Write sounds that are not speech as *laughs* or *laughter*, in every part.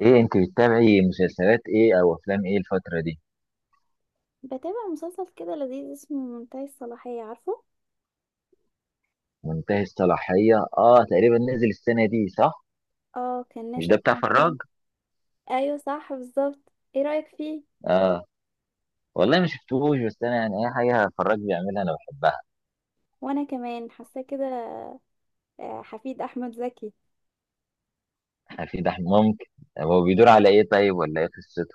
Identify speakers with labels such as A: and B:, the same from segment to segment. A: ايه انت بتتابعي مسلسلات ايه او افلام ايه الفترة دي؟
B: بتابع مسلسل كده لذيذ اسمه منتهي الصلاحية عارفه.
A: منتهي الصلاحية، اه تقريبا نزل السنة دي صح؟
B: اه، كان
A: مش
B: نازل
A: ده
B: في
A: بتاع
B: رمضان.
A: فراج؟
B: ايوه صح بالظبط، ايه رأيك فيه؟
A: اه. والله ما شفتوش بس انا يعني اي حاجة فراج بيعملها انا بحبها.
B: وانا كمان حاساه كده. حفيد احمد زكي.
A: *laughs* في ده ممكن. هو بيدور على ايه طيب، ولا ايه قصته؟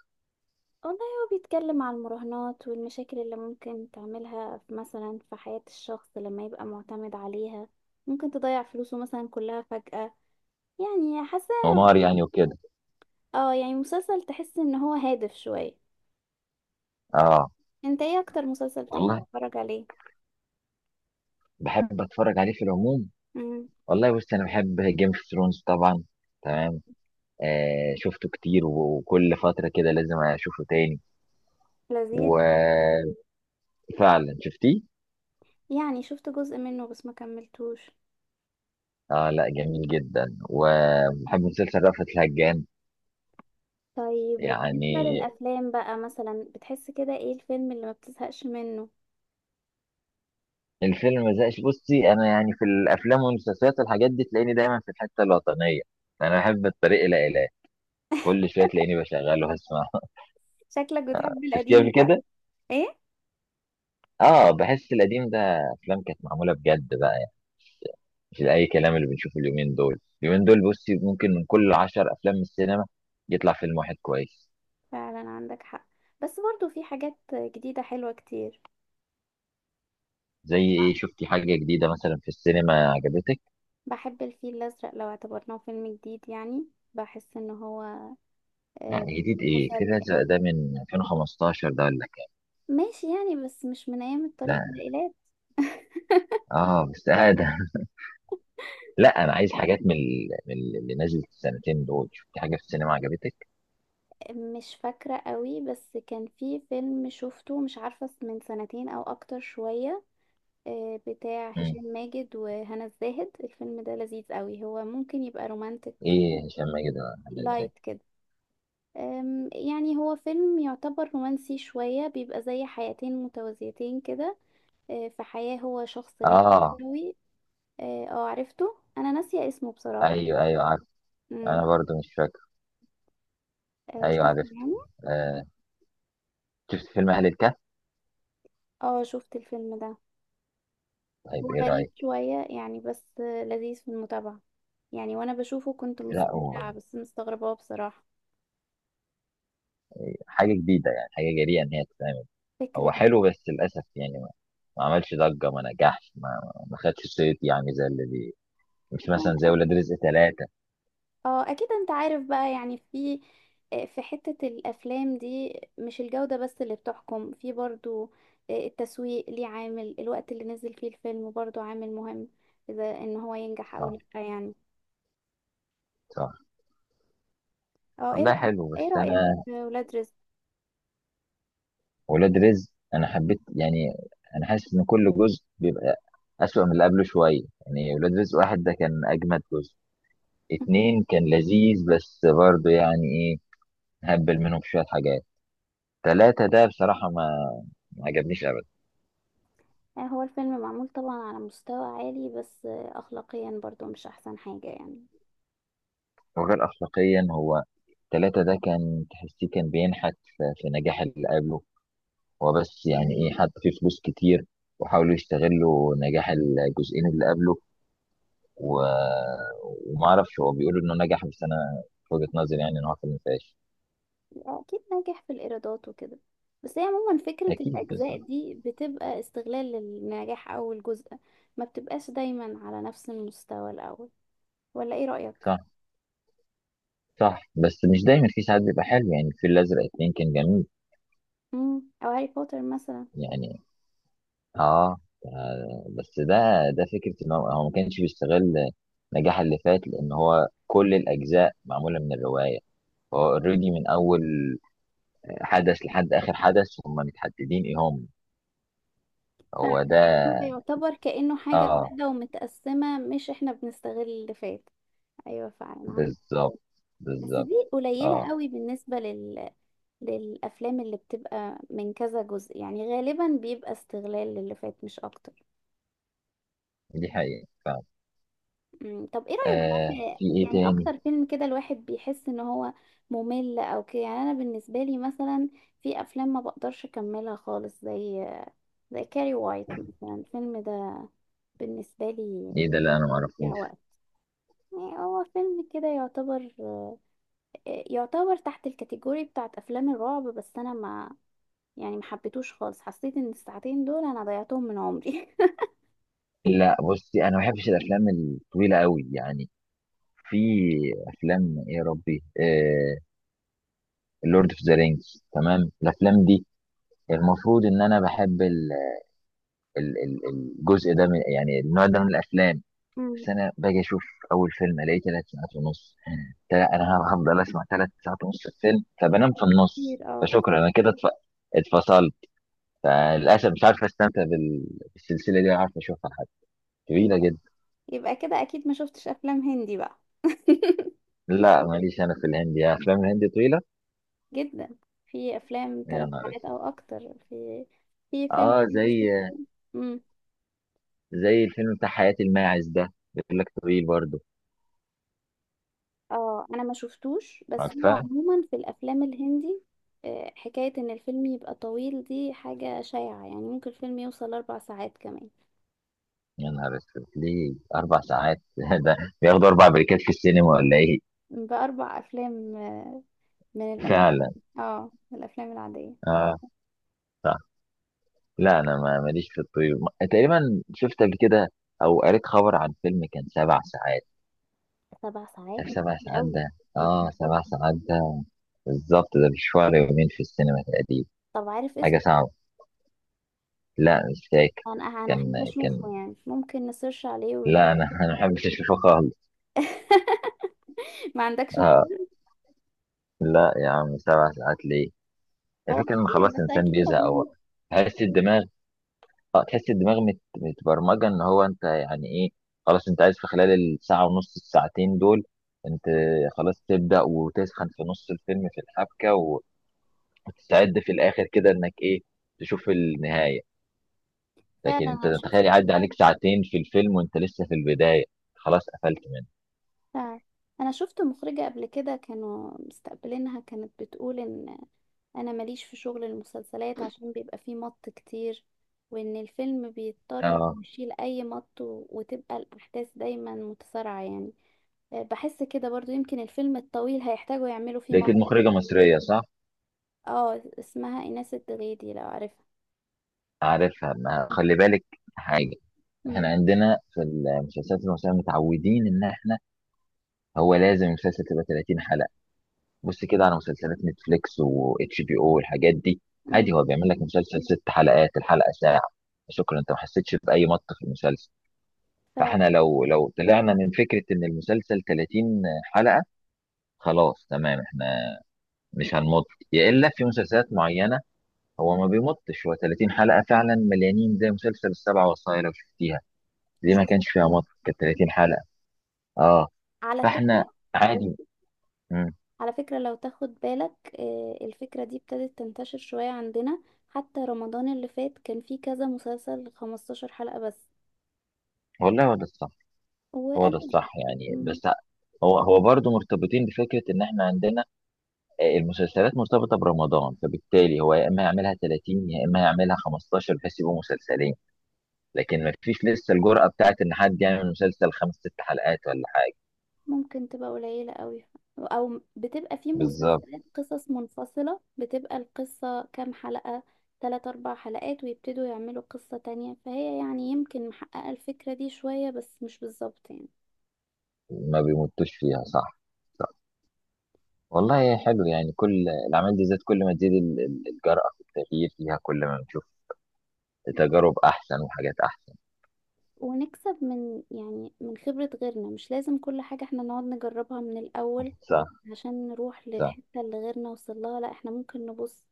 B: والله هو بيتكلم عن المراهنات والمشاكل اللي ممكن تعملها مثلا في حياة الشخص لما يبقى معتمد عليها. ممكن تضيع فلوسه مثلا كلها فجأة، يعني حاسه.
A: هو نار يعني وكده.
B: اه يعني مسلسل تحس ان هو هادف شوية.
A: اه.
B: انت ايه اكتر مسلسل بتحب
A: والله
B: تتفرج عليه؟
A: بحب اتفرج عليه في العموم.
B: امم
A: والله بص، انا بحب جيم اوف ثرونز طبعا. تمام. آه شفته كتير وكل فترة كده لازم اشوفه تاني.
B: لذيذ.
A: وفعلا. شفتيه؟
B: يعني شفت جزء منه بس ما كملتوش.
A: اه. لا جميل جدا. وبحب مسلسل رأفت الهجان.
B: طيب وبالنسبة
A: يعني
B: للأفلام بقى، مثلا بتحس كده ايه الفيلم اللي ما بتزهقش منه؟
A: الفيلم ما زهقش. بصي، انا يعني في الافلام والمسلسلات والحاجات دي تلاقيني دايما في الحته الوطنيه. انا احب الطريق الى اله، كل شويه تلاقيني بشغله هسمع.
B: شكلك
A: *laughs*
B: بتحب
A: شفتيه
B: القديم
A: قبل
B: بقى.
A: كده؟
B: ايه،
A: اه بحس القديم ده، افلام كانت معموله بجد بقى يعني. مش اي كلام اللي بنشوفه اليومين دول. اليومين دول بصي، ممكن من كل عشر افلام من السينما يطلع فيلم واحد كويس.
B: فعلا عندك حق، بس برضو في حاجات جديدة حلوة كتير.
A: زي ايه؟ شفتي حاجه جديده مثلا في السينما عجبتك؟
B: بحب الفيل الأزرق لو اعتبرناه فيلم جديد يعني. بحس ان هو
A: لا،
B: آه،
A: جديد ايه؟
B: مسلي.
A: فريلانسر ده من 2015، ده ولا كده؟
B: ماشي يعني، بس مش من ايام
A: ده
B: الطريق الى.
A: اه بس آه ده. *laughs* لا انا عايز حاجات من اللي نزلت السنتين دول. شفت حاجه في السينما عجبتك؟
B: مش فاكرة قوي، بس كان في فيلم شفته مش عارفة من سنتين او اكتر شوية، بتاع
A: مم.
B: هشام ماجد وهنا الزاهد. الفيلم ده لذيذ قوي، هو ممكن يبقى رومانتك
A: ايه هشام ماجد ولا عامله ازاي؟
B: لايت كده. يعني هو فيلم يعتبر رومانسي شوية، بيبقى زي حياتين متوازيتين كده. في حياة هو شخص ناجح
A: اه.
B: قوي. اه عرفته، انا ناسية اسمه بصراحة.
A: ايوه ايوه عارف.
B: امم
A: انا برضو مش فاكر.
B: شفت
A: ايوه عارف.
B: يعني.
A: آه. شفت فيلم اهل الكهف؟
B: اه شفت الفيلم ده. هو
A: طيب ايه
B: غريب
A: رايك؟
B: شوية يعني، بس لذيذ في المتابعة. يعني وانا بشوفه كنت
A: لا هو
B: مستمتعة، بس مستغربة بصراحة.
A: حاجه جديده، يعني حاجه جريئه ان هي تتعمل. هو
B: فكرة
A: حلو بس للاسف يعني ما عملش ضجه، ما نجحش، ما خدش صيت، يعني زي اللي مش مثلا زي
B: جديدة.
A: ولاد رزق ثلاثة.
B: اه اكيد، انت عارف بقى يعني، في حتة الافلام دي مش الجودة بس اللي بتحكم، في برضو التسويق ليه، عامل الوقت اللي نزل فيه الفيلم برضو عامل مهم اذا ان هو ينجح او
A: اه.
B: لا يعني.
A: صح.
B: اه ايه
A: والله
B: رأيك؟
A: حلو
B: ايه
A: بس
B: رأيك
A: انا،
B: في ولاد رزق؟
A: ولاد رزق انا حبيت يعني. انا حاسس ان كل جزء بيبقى اسوأ من اللي قبله شويه. يعني ولاد رزق واحد ده كان اجمد جزء،
B: مهم.
A: اتنين كان لذيذ بس برضه يعني ايه، هبل منهم شويه حاجات. تلاتة ده بصراحه ما عجبنيش ابدا.
B: هو الفيلم معمول طبعا على مستوى عالي، بس اخلاقيا برضو مش احسن حاجة يعني.
A: وغير اخلاقيا، هو تلاتة ده كان تحسيه كان بينحت في نجاح اللي قبله. هو بس يعني ايه، حط فيه فلوس كتير وحاولوا يستغلوا نجاح الجزئين اللي قبله، و... وما اعرفش، هو بيقول انه نجح بس انا في وجهة نظري يعني ان هو فيلم فاشل.
B: أكيد ناجح في الإيرادات وكده، بس هي عموما فكرة
A: اكيد.
B: الأجزاء
A: بالظبط.
B: دي بتبقى استغلال للنجاح أول جزء، ما بتبقاش دايما على نفس المستوى الأول. ولا إيه رأيك؟
A: صح. صح، بس مش دايما، في ساعات بيبقى حلو. يعني الفيل الازرق اتنين كان جميل.
B: أو هاري بوتر مثلا.
A: يعني اه. آه، بس ده ده فكره ان هو ما كانش بيستغل نجاح اللي فات، لان هو كل الاجزاء معموله من الروايه. هو اوريدي من اول حدث لحد اخر حدث هم متحددين ايه هم.
B: فعلا،
A: هو ده.
B: يعني هو يعتبر كأنه حاجة
A: اه.
B: واحدة ومتقسمة، مش إحنا بنستغل اللي فات. أيوة فعلا عندك.
A: بالظبط.
B: بس
A: بالظبط.
B: دي قليلة
A: اه.
B: قوي بالنسبة لل، للأفلام اللي بتبقى من كذا جزء، يعني غالبا بيبقى استغلال للي فات مش أكتر.
A: دي حقيقه.
B: طب ايه رأيك بقى
A: آه،
B: في،
A: في ايه
B: يعني
A: تاني؟
B: اكتر فيلم كده الواحد بيحس ان هو ممل او كده يعني. انا بالنسبة لي مثلا، في افلام ما بقدرش اكملها خالص، زي كاري وايت مثلا. الفيلم ده بالنسبة لي
A: ايه ده اللي انا ما
B: ضيع
A: اعرفوش؟
B: وقت، يعني هو فيلم كده يعتبر تحت الكاتيجوري بتاعت افلام الرعب، بس انا ما، يعني ما حبيتوش خالص. حسيت ان الساعتين دول انا ضيعتهم من عمري.
A: لا بصي، انا ما بحبش الافلام الطويله قوي يعني. في افلام ايه يا ربي، آه اللورد اوف ذا رينجز، تمام، الافلام دي المفروض ان انا بحب ال- ال- الجزء ده من، يعني النوع ده من الافلام.
B: *laughs* مم.
A: بس انا باجي اشوف اول فيلم الاقيه ثلاث ساعات ونص. انا هفضل اسمع ثلاث ساعات ونص الفيلم، فبنام في النص،
B: كتير اه.
A: فشكرا انا كده اتفصلت. فللاسف مش عارف استمتع بالسلسله دي ولا عارف اشوفها، طويلة جدا.
B: يبقى كده اكيد ما شفتش افلام هندي بقى. *laughs*
A: لا ماليش أنا في الهندي، أفلام الهندي طويلة.
B: جدا، في افلام
A: يا
B: ثلاث
A: نهار
B: ساعات او
A: أسود.
B: اكتر. في فيلم
A: أه
B: هندي
A: زي،
B: شفت. امم
A: زي الفيلم بتاع حياة الماعز ده، بيقول لك طويل برضه.
B: اه انا ما شفتوش، بس هو
A: عارفاه.
B: عموما في الافلام الهندي حكاية ان الفيلم يبقى طويل دي حاجة شائعة يعني، ممكن الفيلم يوصل اربع ساعات كمان.
A: يا نهار أسود، ليه أربع ساعات؟ *laughs* ده بياخدوا أربع بريكات في السينما ولا إيه؟
B: باربع افلام، من
A: *laughs*
B: الافلام.
A: فعلا.
B: اه من الافلام العادية.
A: أه. صح. لا أنا ما ماليش في الطويل. تقريبا شفت قبل كده أو قريت خبر عن فيلم كان سبع ساعات.
B: سبع ساعات؟
A: شايف سبع
B: كتير
A: ساعات
B: قوي.
A: ده؟
B: إيه
A: أه
B: ده؟
A: سبع ساعات ده، بالظبط ده مشوار يومين في السينما تقريبا.
B: طب عارف
A: حاجة
B: اسمه؟
A: صعبة. لا مش فاكر.
B: انا
A: كان
B: احب
A: كان
B: اشوفه يعني، ممكن نسيرش عليه ون.
A: لا انا *laughs* انا ما بحبش الشوفه خالص.
B: *laughs* ما عندكش
A: آه.
B: فضول؟
A: لا يا عم سبع ساعات ليه؟
B: هو
A: الفكره ان
B: كتير
A: خلاص
B: بس
A: الانسان
B: اكيد
A: بيزهق هو،
B: تجربة.
A: تحس الدماغ، اه تحس الدماغ متبرمجه ان هو انت يعني ايه، خلاص انت عايز في خلال الساعه ونص الساعتين دول، انت خلاص تبدا وتسخن في نص الفيلم في الحبكه وتستعد في الاخر كده انك ايه، تشوف النهايه.
B: فعلا
A: لكن انت
B: انا شفت.
A: تخيل يعدي عليك ساعتين في الفيلم وانت لسه في البدايه، خلاص قفلت منه.
B: فعلا انا شفت مخرجة قبل كده كانوا مستقبلينها، كانت بتقول ان انا ماليش في شغل المسلسلات عشان بيبقى فيه مط كتير، وان الفيلم بيضطر
A: اه.
B: إنه يشيل اي مط وتبقى الاحداث دايما متسارعة يعني. بحس كده برضو، يمكن الفيلم الطويل هيحتاجوا يعملوا فيه
A: لقيت
B: مط.
A: المخرجه مصريه صح؟
B: اه اسمها ايناس الدغيدي لو عارفها.
A: عارفها، ما خلي بالك حاجة. احنا
B: امم
A: عندنا في المسلسلات المصرية متعودين ان احنا، هو لازم المسلسل تبقى 30 حلقة. بص كده على مسلسلات نتفليكس و اتش بي او والحاجات دي،
B: امم
A: عادي هو بيعمل لك مسلسل ست حلقات الحلقة ساعة، شكرا انت ما حسيتش بأي مط في المسلسل.
B: فعلا
A: فاحنا لو طلعنا من فكرة ان المسلسل 30 حلقة خلاص، تمام، احنا مش هنمط. يا الا في مسلسلات معينة هو ما بيمطش، هو 30 حلقة فعلا مليانين، زي مسلسل السبع وصايا لو شفتيها، دي ما
B: شفت.
A: كانش فيها مط كانت 30 حلقة. اه.
B: على
A: فاحنا
B: فكرة،
A: عادي. مم.
B: لو تاخد بالك الفكرة دي ابتدت تنتشر شوية عندنا، حتى رمضان اللي فات كان فيه كذا مسلسل 15 حلقة بس.
A: والله هو ده الصح، هو ده
B: وقال
A: الصح يعني.
B: مم،
A: بس هو برضه مرتبطين بفكرة ان احنا عندنا آه، المسلسلات مرتبطة برمضان، فبالتالي هو يا اما يعملها 30 يا اما يعملها 15 بحيث يبقوا مسلسلين، لكن ما فيش لسه الجرأة بتاعت ان حد يعمل مسلسل خمس ست حلقات ولا حاجة.
B: ممكن تبقى قليلة قوي، او بتبقى فيه
A: بالظبط.
B: مسلسلات قصص منفصلة، بتبقى القصة كام حلقة، تلات اربع حلقات، ويبتدوا يعملوا قصة تانية. فهي يعني يمكن محققة الفكرة دي شوية بس مش بالظبط يعني.
A: ما بيمطوش فيها. صح. صح. والله حلو يعني، كل الاعمال دي ذات كل ما تزيد الجرأة في التغيير فيها، كل ما بنشوف تجارب احسن وحاجات احسن.
B: ونكسب من يعني من خبرة غيرنا، مش لازم كل حاجة احنا نقعد نجربها من الأول،
A: صح.
B: عشان نروح
A: صح.
B: للحتة اللي غيرنا وصلها. لا احنا ممكن نبص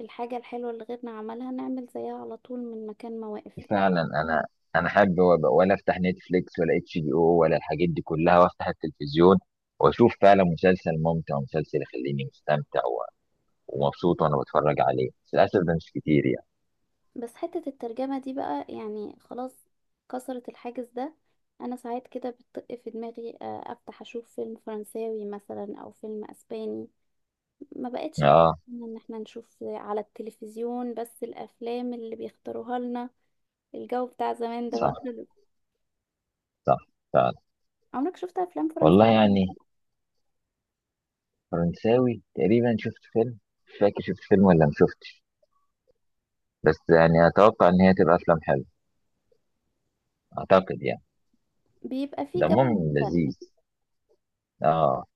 B: الحاجة الحلوة اللي غيرنا عملها، نعمل زيها على طول من مكان ما واقف يعني.
A: فعلا. انا انا حابب ولا افتح نتفليكس ولا اتش دي او ولا الحاجات دي كلها، وافتح التلفزيون واشوف فعلا مسلسل ممتع، ومسلسل يخليني مستمتع ومبسوط وانا بتفرج عليه، بس للاسف ده مش كتير يعني.
B: بس حتة الترجمة دي بقى، يعني خلاص كسرت الحاجز ده. انا ساعات كده بتطق في دماغي افتح اشوف فيلم فرنساوي مثلا، او فيلم اسباني. ما بقتش
A: اه.
B: بتمنى ان احنا نشوف على التلفزيون بس الافلام اللي بيختاروها لنا. الجو بتاع زمان ده بقى
A: صح.
B: خلص.
A: صح. فعلا.
B: عمرك شفت افلام
A: والله
B: فرنساوي؟
A: يعني فرنساوي تقريبا شفت فيلم، مش فاكر شفت فيلم ولا ما شفتش، بس يعني اتوقع ان هي تبقى افلام حلوه اعتقد يعني.
B: بيبقى فيه جو
A: دمهم
B: مختلف،
A: لذيذ. اه.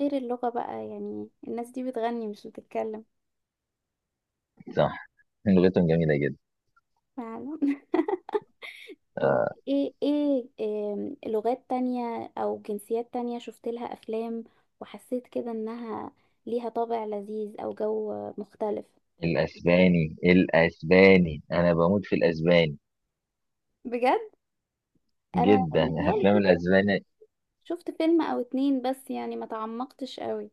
B: غير اللغة بقى، يعني الناس دي بتغني مش بتتكلم.
A: صح. *laughs* لغتهم جميله جدا.
B: فعلا *laughs* طب
A: آه.
B: ايه لغات تانية او جنسيات تانية شفت لها افلام، وحسيت كده انها ليها طابع لذيذ او جو مختلف؟
A: الاسباني، الاسباني انا بموت في الاسباني،
B: بجد؟ انا
A: جدا. *laughs*
B: متهيألي
A: افلام
B: شفت.
A: الاسباني
B: شفت فيلم او اتنين بس يعني، ما تعمقتش قوي.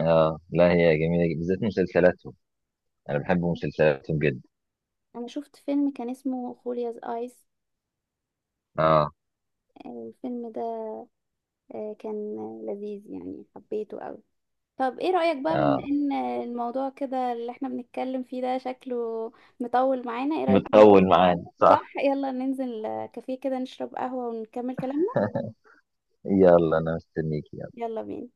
A: اه لا هي جميله جدا، بالذات مسلسلاتهم انا بحب مسلسلاتهم جدا.
B: انا شفت فيلم كان اسمه خولياز ايس،
A: اه.
B: الفيلم ده كان لذيذ يعني، حبيته قوي. طب ايه رأيك بقى، بما
A: اه
B: ان الموضوع كده اللي احنا بنتكلم فيه ده شكله مطول معانا؟ ايه رأيك؟
A: مطول معانا، صح.
B: صح، يلا ننزل كافيه كده، نشرب قهوة ونكمل كلامنا.
A: يلا انا مستنيك.
B: يلا بينا.